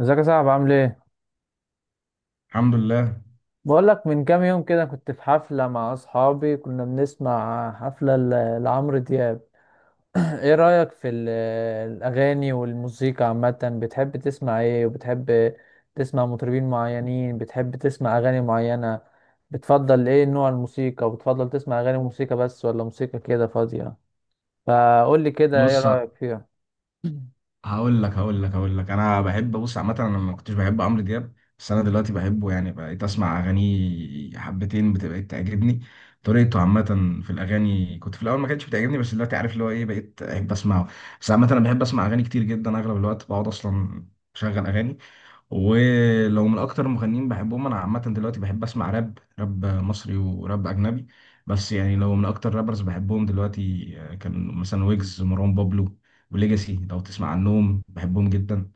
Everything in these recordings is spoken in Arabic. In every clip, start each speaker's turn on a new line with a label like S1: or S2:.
S1: ازيك يا صاحبي، عامل ايه؟
S2: الحمد لله.
S1: بقول لك، من كام يوم كده كنت في حفلة مع اصحابي، كنا بنسمع حفلة لعمرو دياب. ايه رأيك في الاغاني والموسيقى عامة؟ بتحب تسمع ايه؟ وبتحب تسمع مطربين معينين؟ بتحب تسمع اغاني معينة؟ بتفضل ايه نوع الموسيقى؟ وبتفضل تسمع اغاني موسيقى بس ولا موسيقى كده فاضية؟ فقول لي كده ايه
S2: بص،
S1: رأيك فيها؟
S2: هقول لك، انا بحب. بص، عامه انا ما كنتش بحب عمرو دياب، بس انا دلوقتي بحبه، يعني بقيت اسمع اغانيه حبتين بتبقى تعجبني. طريقته عامه في الاغاني كنت في الاول ما كانتش بتعجبني، بس دلوقتي عارف اللي هو ايه، بقيت احب اسمعه. بس عامه انا بحب اسمع اغاني كتير جدا، اغلب الوقت بقعد اصلا اشغل اغاني. ولو من اكتر المغنيين بحبهم انا عامه، دلوقتي بحب اسمع راب، راب مصري وراب اجنبي. بس يعني لو من اكتر رابرز بحبهم دلوقتي كان مثلا ويجز، مروان بابلو، وليجاسي، لو تسمع عنهم، بحبهم جدا.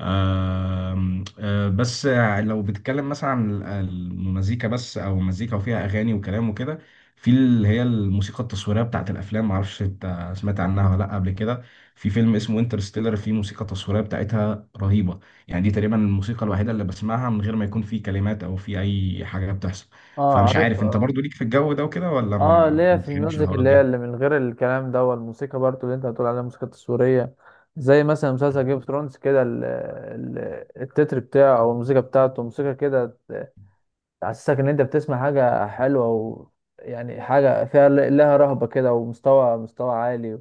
S2: آم، آه، بس لو بتتكلم مثلا عن المزيكا بس، او مزيكا وفيها اغاني وكلام وكده، في اللي هي الموسيقى التصويريه بتاعت الافلام. معرفش انت سمعت عنها ولا لا قبل كده. في فيلم اسمه انترستيلر، في موسيقى تصويريه بتاعتها رهيبه. يعني دي تقريبا الموسيقى الوحيده اللي بسمعها من غير ما يكون في كلمات او في اي حاجه بتحصل.
S1: اه،
S2: فمش
S1: عارف.
S2: عارف انت برضو ليك في الجو ده وكده، ولا
S1: اه،
S2: ما
S1: ليا
S2: ما
S1: في
S2: بتحبش
S1: الميوزك
S2: الحوارات
S1: اللي هي
S2: دي.
S1: اللي من غير الكلام ده، والموسيقى برضو اللي انت بتقول عليها الموسيقى التصويرية. زي مثلا مسلسل جيم اوف ثرونز كده، التتر بتاعه او الموسيقى بتاعته موسيقى كده تحسسك ان انت بتسمع حاجة حلوة، و يعني حاجة فيها لها رهبة كده، ومستوى مستوى عالي.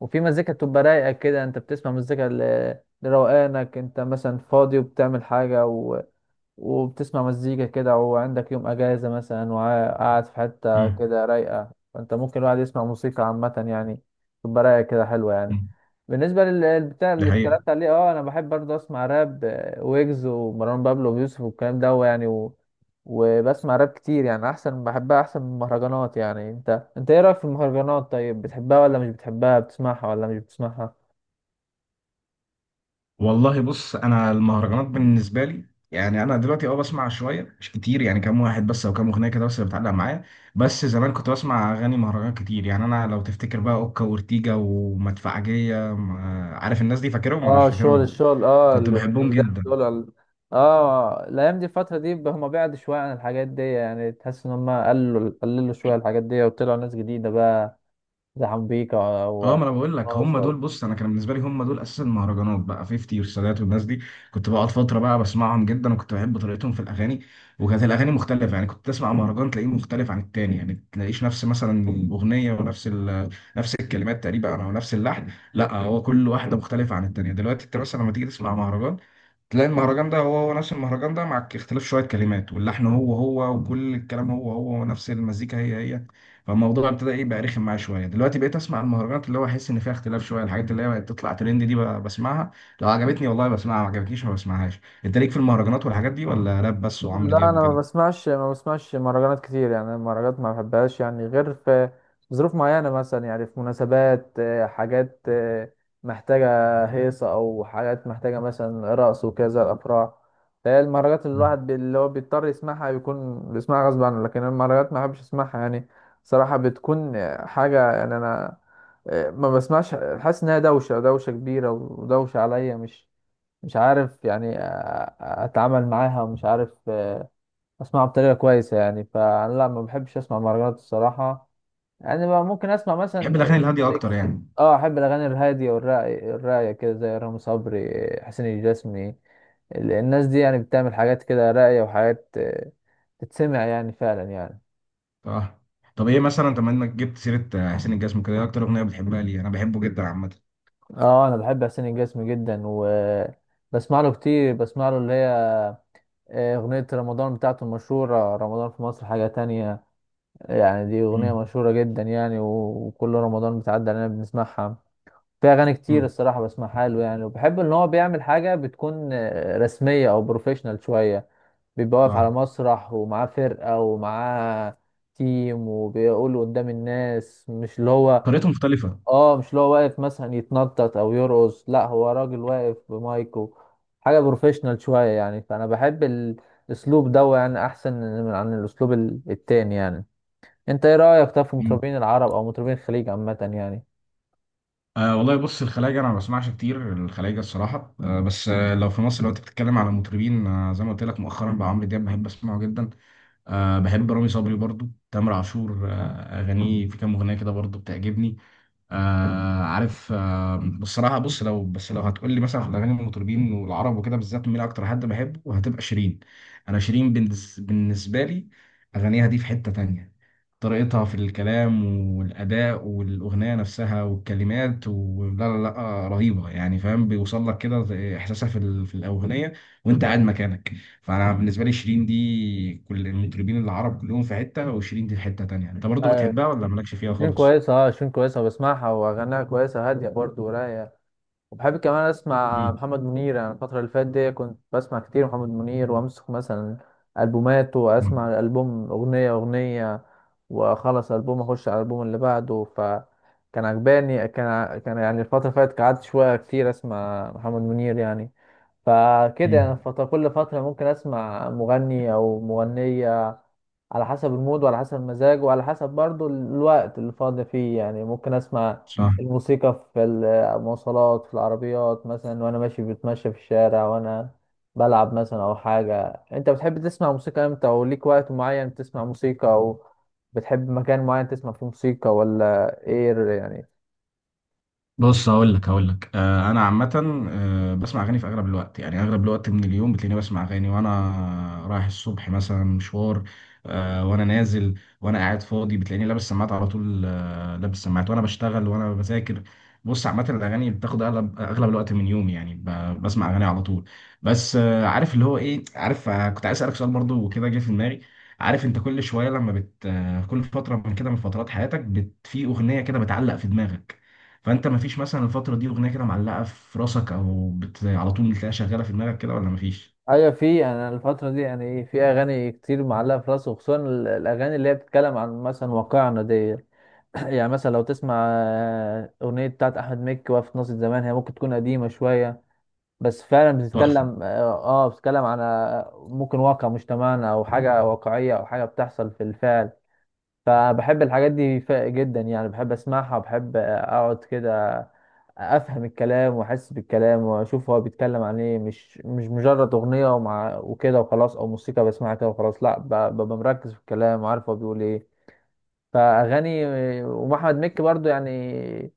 S1: وفي مزيكا بتبقى رايقة كده، انت بتسمع مزيكا لروقانك، انت مثلا فاضي وبتعمل حاجة، وبتسمع مزيكا كده وعندك يوم اجازة مثلا وقاعد في حتة
S2: مم.
S1: كده رايقة، فانت ممكن الواحد يسمع موسيقى عامة يعني، تبقى رايقة كده حلوة يعني.
S2: مم.
S1: بالنسبة للبتاع
S2: ده
S1: اللي
S2: حقيقة.
S1: اتكلمت عليه، اه انا بحب برضه اسمع راب، ويجز ومروان بابلو ويوسف والكلام ده يعني وبسمع راب كتير يعني، احسن بحبها احسن من المهرجانات يعني. انت ايه رأيك في المهرجانات؟ طيب، بتحبها ولا مش بتحبها؟ بتسمعها ولا مش بتسمعها؟
S2: والله بص، انا المهرجانات بالنسبه لي، يعني انا دلوقتي اه بسمع شويه مش كتير، يعني كام واحد بس او كام اغنيه كده بس اللي بتعلق معايا. بس زمان كنت بسمع اغاني مهرجان كتير، يعني انا لو تفتكر بقى اوكا وارتيجا ومدفعجيه، عارف الناس دي، فاكرهم ولا مش
S1: اه، الشغل
S2: فاكرهم؟
S1: الشغل، اه
S2: كنت بحبهم
S1: ده
S2: جدا.
S1: دول اه، الايام دي الفتره دي هم بعد شويه عن الحاجات دي يعني، تحس ان هم قللوا قللوا شويه الحاجات دي وطلعوا ناس جديده بقى، زي حنبيكا او
S2: اه، ما انا بقول لك
S1: أو
S2: هم
S1: ناصر.
S2: دول. بص انا كان بالنسبه لي هم دول اساس المهرجانات بقى، 50 والسادات والناس دي. كنت بقعد فتره بقى بسمعهم جدا، وكنت بحب طريقتهم في الاغاني. وكانت الاغاني مختلفه، يعني كنت تسمع مهرجان تلاقيه مختلف عن التاني، يعني ما تلاقيش نفس مثلا الاغنيه ونفس نفس الكلمات تقريبا او نفس اللحن. لا، هو كل واحده مختلفه عن التانيه. دلوقتي انت مثلا لما تيجي تسمع مهرجان تلاقي المهرجان ده هو هو نفس المهرجان ده، مع اختلاف شوية كلمات، واللحن هو هو، وكل الكلام هو هو، ونفس المزيكا هي هي. فالموضوع ابتدى ايه بقى، رخم معايا شوية. دلوقتي بقيت اسمع المهرجانات اللي هو احس ان فيها اختلاف شوية، الحاجات اللي هي بقت تطلع ترند دي بسمعها. لو عجبتني والله بسمعها، ما عجبتنيش ما بسمعهاش. انت ليك في المهرجانات والحاجات دي ولا راب بس وعمرو
S1: لا،
S2: دياب
S1: انا ما
S2: وكده؟
S1: بسمعش ما بسمعش مهرجانات كتير يعني. أنا المهرجانات ما بحبهاش يعني، غير في ظروف معينة مثلا، يعني في مناسبات حاجات محتاجة هيصة، او حاجات محتاجة مثلا رقص وكذا الافراح. فهي المهرجانات اللي
S2: مم.
S1: الواحد اللي هو بيضطر يسمعها بيكون بيسمعها غصب عنه، لكن المهرجانات ما بحبش اسمعها يعني. صراحة بتكون حاجة يعني. انا ما بسمعش، حاسس انها دوشة دوشة كبيرة ودوشة عليا. مش عارف يعني اتعامل معاها، ومش عارف اسمعه بطريقه كويسه يعني. فانا لا، ما بحبش اسمع مهرجانات الصراحه. يعني ما ممكن اسمع
S2: بحب
S1: مثلا
S2: الاغاني الهادية اكتر
S1: ميكس.
S2: يعني.
S1: اه، احب الاغاني الهاديه والراقيه الراقيه كده، زي رامي صبري حسين الجسمي. الناس دي يعني بتعمل حاجات كده راقيه، وحاجات تتسمع يعني فعلا يعني.
S2: اه. طب ايه مثلا، طب ما انك جبت سيرة حسين الجسمي كده، ايه اكتر اغنية بتحبها؟ ليه انا بحبه جدا عامة.
S1: اه، انا بحب حسين الجسمي جدا، و بسمع له كتير. بسمع له اللي هي أغنية رمضان بتاعته المشهورة، رمضان في مصر حاجة تانية. يعني دي أغنية
S2: مم.
S1: مشهورة جدا يعني، وكل رمضان بتعدي علينا بنسمعها. في اغاني كتير
S2: مم.
S1: الصراحه بسمعها له يعني، وبحب ان هو بيعمل حاجه بتكون رسميه او بروفيشنال شويه. بيبقى واقف على
S2: اه.
S1: مسرح ومعاه فرقه ومعاه تيم، وبيقول قدام الناس، مش اللي هو
S2: طريقته مختلفة.
S1: اه مش اللي هو واقف مثلا يتنطط او يرقص. لا، هو راجل واقف بمايكو حاجه بروفيشنال شويه يعني. فانا بحب الاسلوب ده يعني احسن من عن الاسلوب التاني يعني. انت ايه رايك طب في مطربين العرب او مطربين الخليج عامه يعني؟
S2: أه والله بص، الخلايجة أنا ما بسمعش كتير الخلايجة الصراحة، أه بس أه لو في مصر، لو أنت بتتكلم على مطربين أه، زي ما قلت لك مؤخرا بقى، عمرو دياب بحب أسمعه جدا. أه بحب رامي صبري برضو، تامر عاشور أه أغانيه في كام أغنية كده برضو بتعجبني. آه عارف. آه بصراحه بص، لو بس لو هتقول لي مثلا في الاغاني المطربين والعرب وكده بالذات مين اكتر حد بحبه، هتبقى شيرين. انا شيرين بالنسبه لي، اغانيها دي في حته تانية. طريقتها في الكلام والاداء والاغنيه نفسها والكلمات، ولا لا لا رهيبه يعني، فاهم بيوصل لك كده زي احساسها في الاغنيه وانت قاعد مكانك. فانا بالنسبه لي شيرين دي، كل المطربين العرب كلهم في حته، وشيرين دي في حته تانية. انت برضو بتحبها ولا مالكش فيها
S1: شين
S2: خالص؟
S1: كويسة اه شين كويسة بسمعها وأغانيها كويسة هادية برضه ورايقة. وبحب كمان أسمع محمد منير يعني. الفترة اللي فاتت دي كنت بسمع كتير محمد منير، وأمسك مثلا ألبوماته وأسمع
S2: مم.
S1: الألبوم أغنية أغنية، وأخلص ألبوم أخش على الألبوم اللي بعده، فكان عجباني. كان يعني الفترة اللي فاتت قعدت شوية كتير أسمع محمد منير يعني. فكده يعني،
S2: مم.
S1: كل فترة ممكن أسمع مغني أو مغنية على حسب المود وعلى حسب المزاج وعلى حسب برضو الوقت اللي فاضي فيه يعني. ممكن أسمع
S2: صح.
S1: الموسيقى في المواصلات في العربيات مثلا، وأنا ماشي بتمشى في الشارع، وأنا بلعب مثلا أو حاجة. أنت بتحب تسمع موسيقى إمتى؟ أو ليك وقت معين تسمع موسيقى؟ أو بتحب مكان معين تسمع فيه موسيقى ولا إيه يعني؟
S2: بص هقول لك، انا عامه، بسمع اغاني في اغلب الوقت، يعني اغلب الوقت من اليوم بتلاقيني بسمع اغاني، وانا رايح الصبح مثلا مشوار، وانا نازل، وانا قاعد فاضي بتلاقيني لابس سماعات على طول. لابس سماعات وانا بشتغل وانا بذاكر. بص عامه الاغاني بتاخد اغلب اغلب الوقت من يومي، يعني بسمع اغاني على طول. بس عارف اللي هو ايه، عارف كنت عايز اسالك سؤال برضو وكده جه في دماغي. عارف انت كل شويه لما بت آه، كل فتره من كده، من فترات حياتك في اغنيه كده بتعلق في دماغك. فانت مفيش مثلا الفتره دي اغنيه كده معلقه في راسك، او على طول بتلاقيها شغاله في دماغك كده، ولا مفيش؟
S1: ايوه، في، انا الفتره دي يعني ايه في اغاني كتير معلقه في راسي، وخصوصا الاغاني اللي هي بتتكلم عن مثلا واقعنا دي. يعني مثلا لو تسمع اغنيه بتاعت احمد مكي وقفت ناصية زمان، هي ممكن تكون قديمه شويه، بس فعلا
S2: لا تحفه.
S1: بتتكلم عن ممكن واقع مجتمعنا، او حاجه واقعيه، او حاجه بتحصل في الفعل. فبحب الحاجات دي جدا يعني، بحب اسمعها وبحب اقعد كده افهم الكلام واحس بالكلام واشوف هو بيتكلم عن ايه. مش مجرد اغنيه ومع وكده وخلاص، او موسيقى بسمعها كده وخلاص. لا، ببقى مركز في الكلام وعارف هو بيقول ايه. فاغاني ومحمد مكي برضو يعني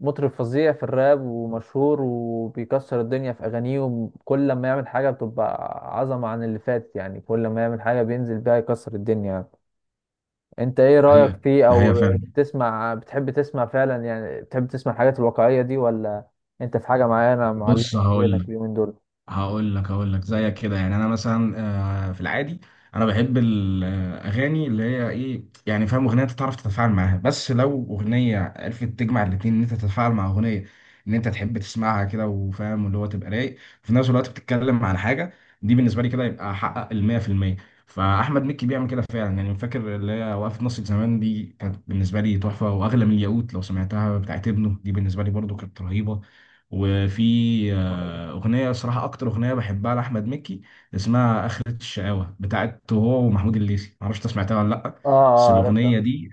S1: مطرب فظيع في الراب، ومشهور وبيكسر الدنيا في اغانيه. وكل لما يعمل حاجه بتبقى عظمه عن اللي فاتت يعني، كل لما يعمل حاجه بينزل بيها يكسر الدنيا. انت ايه رأيك
S2: هي
S1: فيه؟
S2: ده هي
S1: او
S2: فعلا.
S1: بتحب تسمع فعلا يعني؟ بتحب تسمع الحاجات الواقعية دي، ولا انت في حاجة معينة
S2: بص
S1: معلقة في
S2: هقول
S1: ذهنك
S2: لك
S1: اليومين دول؟
S2: هقول لك هقول لك زيك كده يعني، انا مثلا في العادي انا بحب الاغاني اللي هي ايه، يعني فاهم اغنيه انت تعرف تتفاعل معاها، بس لو اغنيه عرفت تجمع الاتنين، ان انت تتفاعل مع اغنيه، ان انت تحب تسمعها كده وفاهم اللي هو تبقى رايق في نفس الوقت بتتكلم عن حاجه، دي بالنسبه لي كده يبقى حقق ال 100%. فاحمد مكي بيعمل كده فعلا يعني، فاكر اللي هي وقفه نص زمان دي كانت بالنسبه لي تحفه واغلى من الياقوت. لو سمعتها بتاعت ابنه دي بالنسبه لي برضو كانت رهيبه. وفي
S1: اه،
S2: أغنية صراحة أكتر أغنية بحبها لأحمد مكي اسمها آخرة الشقاوة بتاعته هو ومحمود الليثي، معرفش أنت سمعتها ولا لأ. بس
S1: اه، عارفها.
S2: الأغنية دي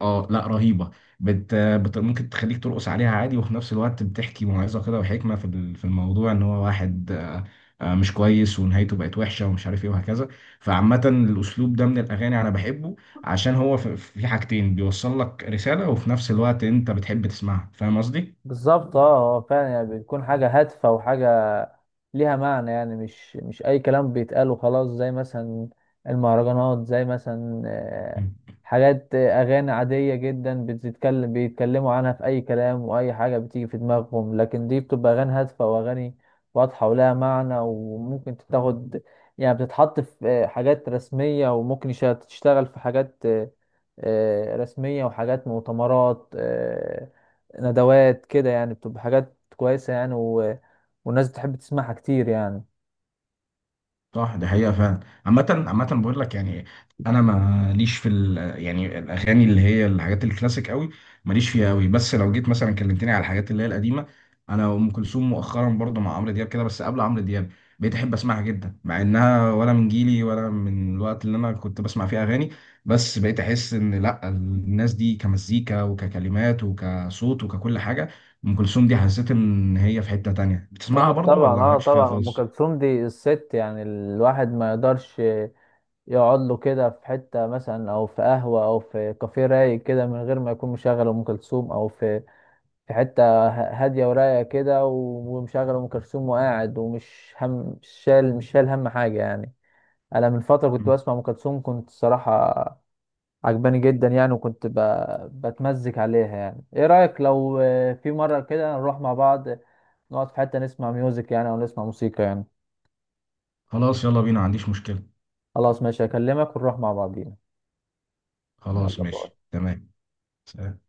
S2: آه لأ رهيبة. ممكن تخليك ترقص عليها عادي، وفي نفس الوقت بتحكي موعظة كده وحكمة في الموضوع، إن هو واحد مش كويس ونهايته بقت وحشة ومش عارف إيه وهكذا. فعامة الأسلوب ده من الأغاني أنا بحبه، عشان هو في حاجتين، بيوصل لك رسالة وفي نفس الوقت أنت بتحب تسمعها. فاهم قصدي؟
S1: بالظبط، اه، هو فعلا يعني بتكون حاجة هادفة وحاجة ليها معنى يعني. مش اي كلام بيتقال وخلاص، زي مثلا المهرجانات، زي مثلا حاجات اغاني عادية جدا، بيتكلموا عنها في اي كلام واي حاجة بتيجي في دماغهم. لكن دي بتبقى اغاني هادفة واغاني واضحة ولها معنى، وممكن تتاخد يعني بتتحط في حاجات رسمية، وممكن تشتغل في حاجات رسمية وحاجات مؤتمرات ندوات كده يعني. بتبقى حاجات كويسة يعني، والناس بتحب تسمعها كتير يعني.
S2: صح دي حقيقة فعلا. عامة عامة بقول لك يعني، أنا ماليش في ال، يعني الأغاني اللي هي الحاجات الكلاسيك قوي ماليش فيها قوي. بس لو جيت مثلا كلمتني على الحاجات اللي هي القديمة، أنا أم كلثوم مؤخرا برضه مع عمرو دياب كده، بس قبل عمرو دياب بقيت أحب أسمعها جدا، مع إنها ولا من جيلي ولا من الوقت اللي أنا كنت بسمع فيه أغاني. بس بقيت أحس إن لأ، الناس دي كمزيكا وككلمات وكصوت وككل حاجة أم كلثوم دي، حسيت إن هي في حتة تانية.
S1: اه،
S2: بتسمعها برضه
S1: طبعا،
S2: ولا
S1: اه،
S2: مالكش فيها
S1: طبعا، ام
S2: خالص؟
S1: كلثوم دي الست. يعني الواحد ما يقدرش يقعد له كده في حته مثلا، او في قهوه، او في كافيه رايق كده من غير ما يكون مشغل ام كلثوم، او في حته هاديه ورايقه كده، ومشغل ام كلثوم وقاعد، ومش هم مش شال هم حاجه يعني. انا من فتره كنت بسمع ام كلثوم، كنت الصراحه عجباني جدا يعني، وكنت بتمزج عليها يعني. ايه رايك لو في مره كده نروح مع بعض، نقعد في حتة نسمع ميوزك يعني، أو نسمع موسيقى يعني؟
S2: خلاص يلا بينا، ما عنديش مشكلة.
S1: خلاص، ماشي، أكلمك ونروح مع بعضينا.
S2: خلاص
S1: يلا، باي.
S2: ماشي تمام. سلام.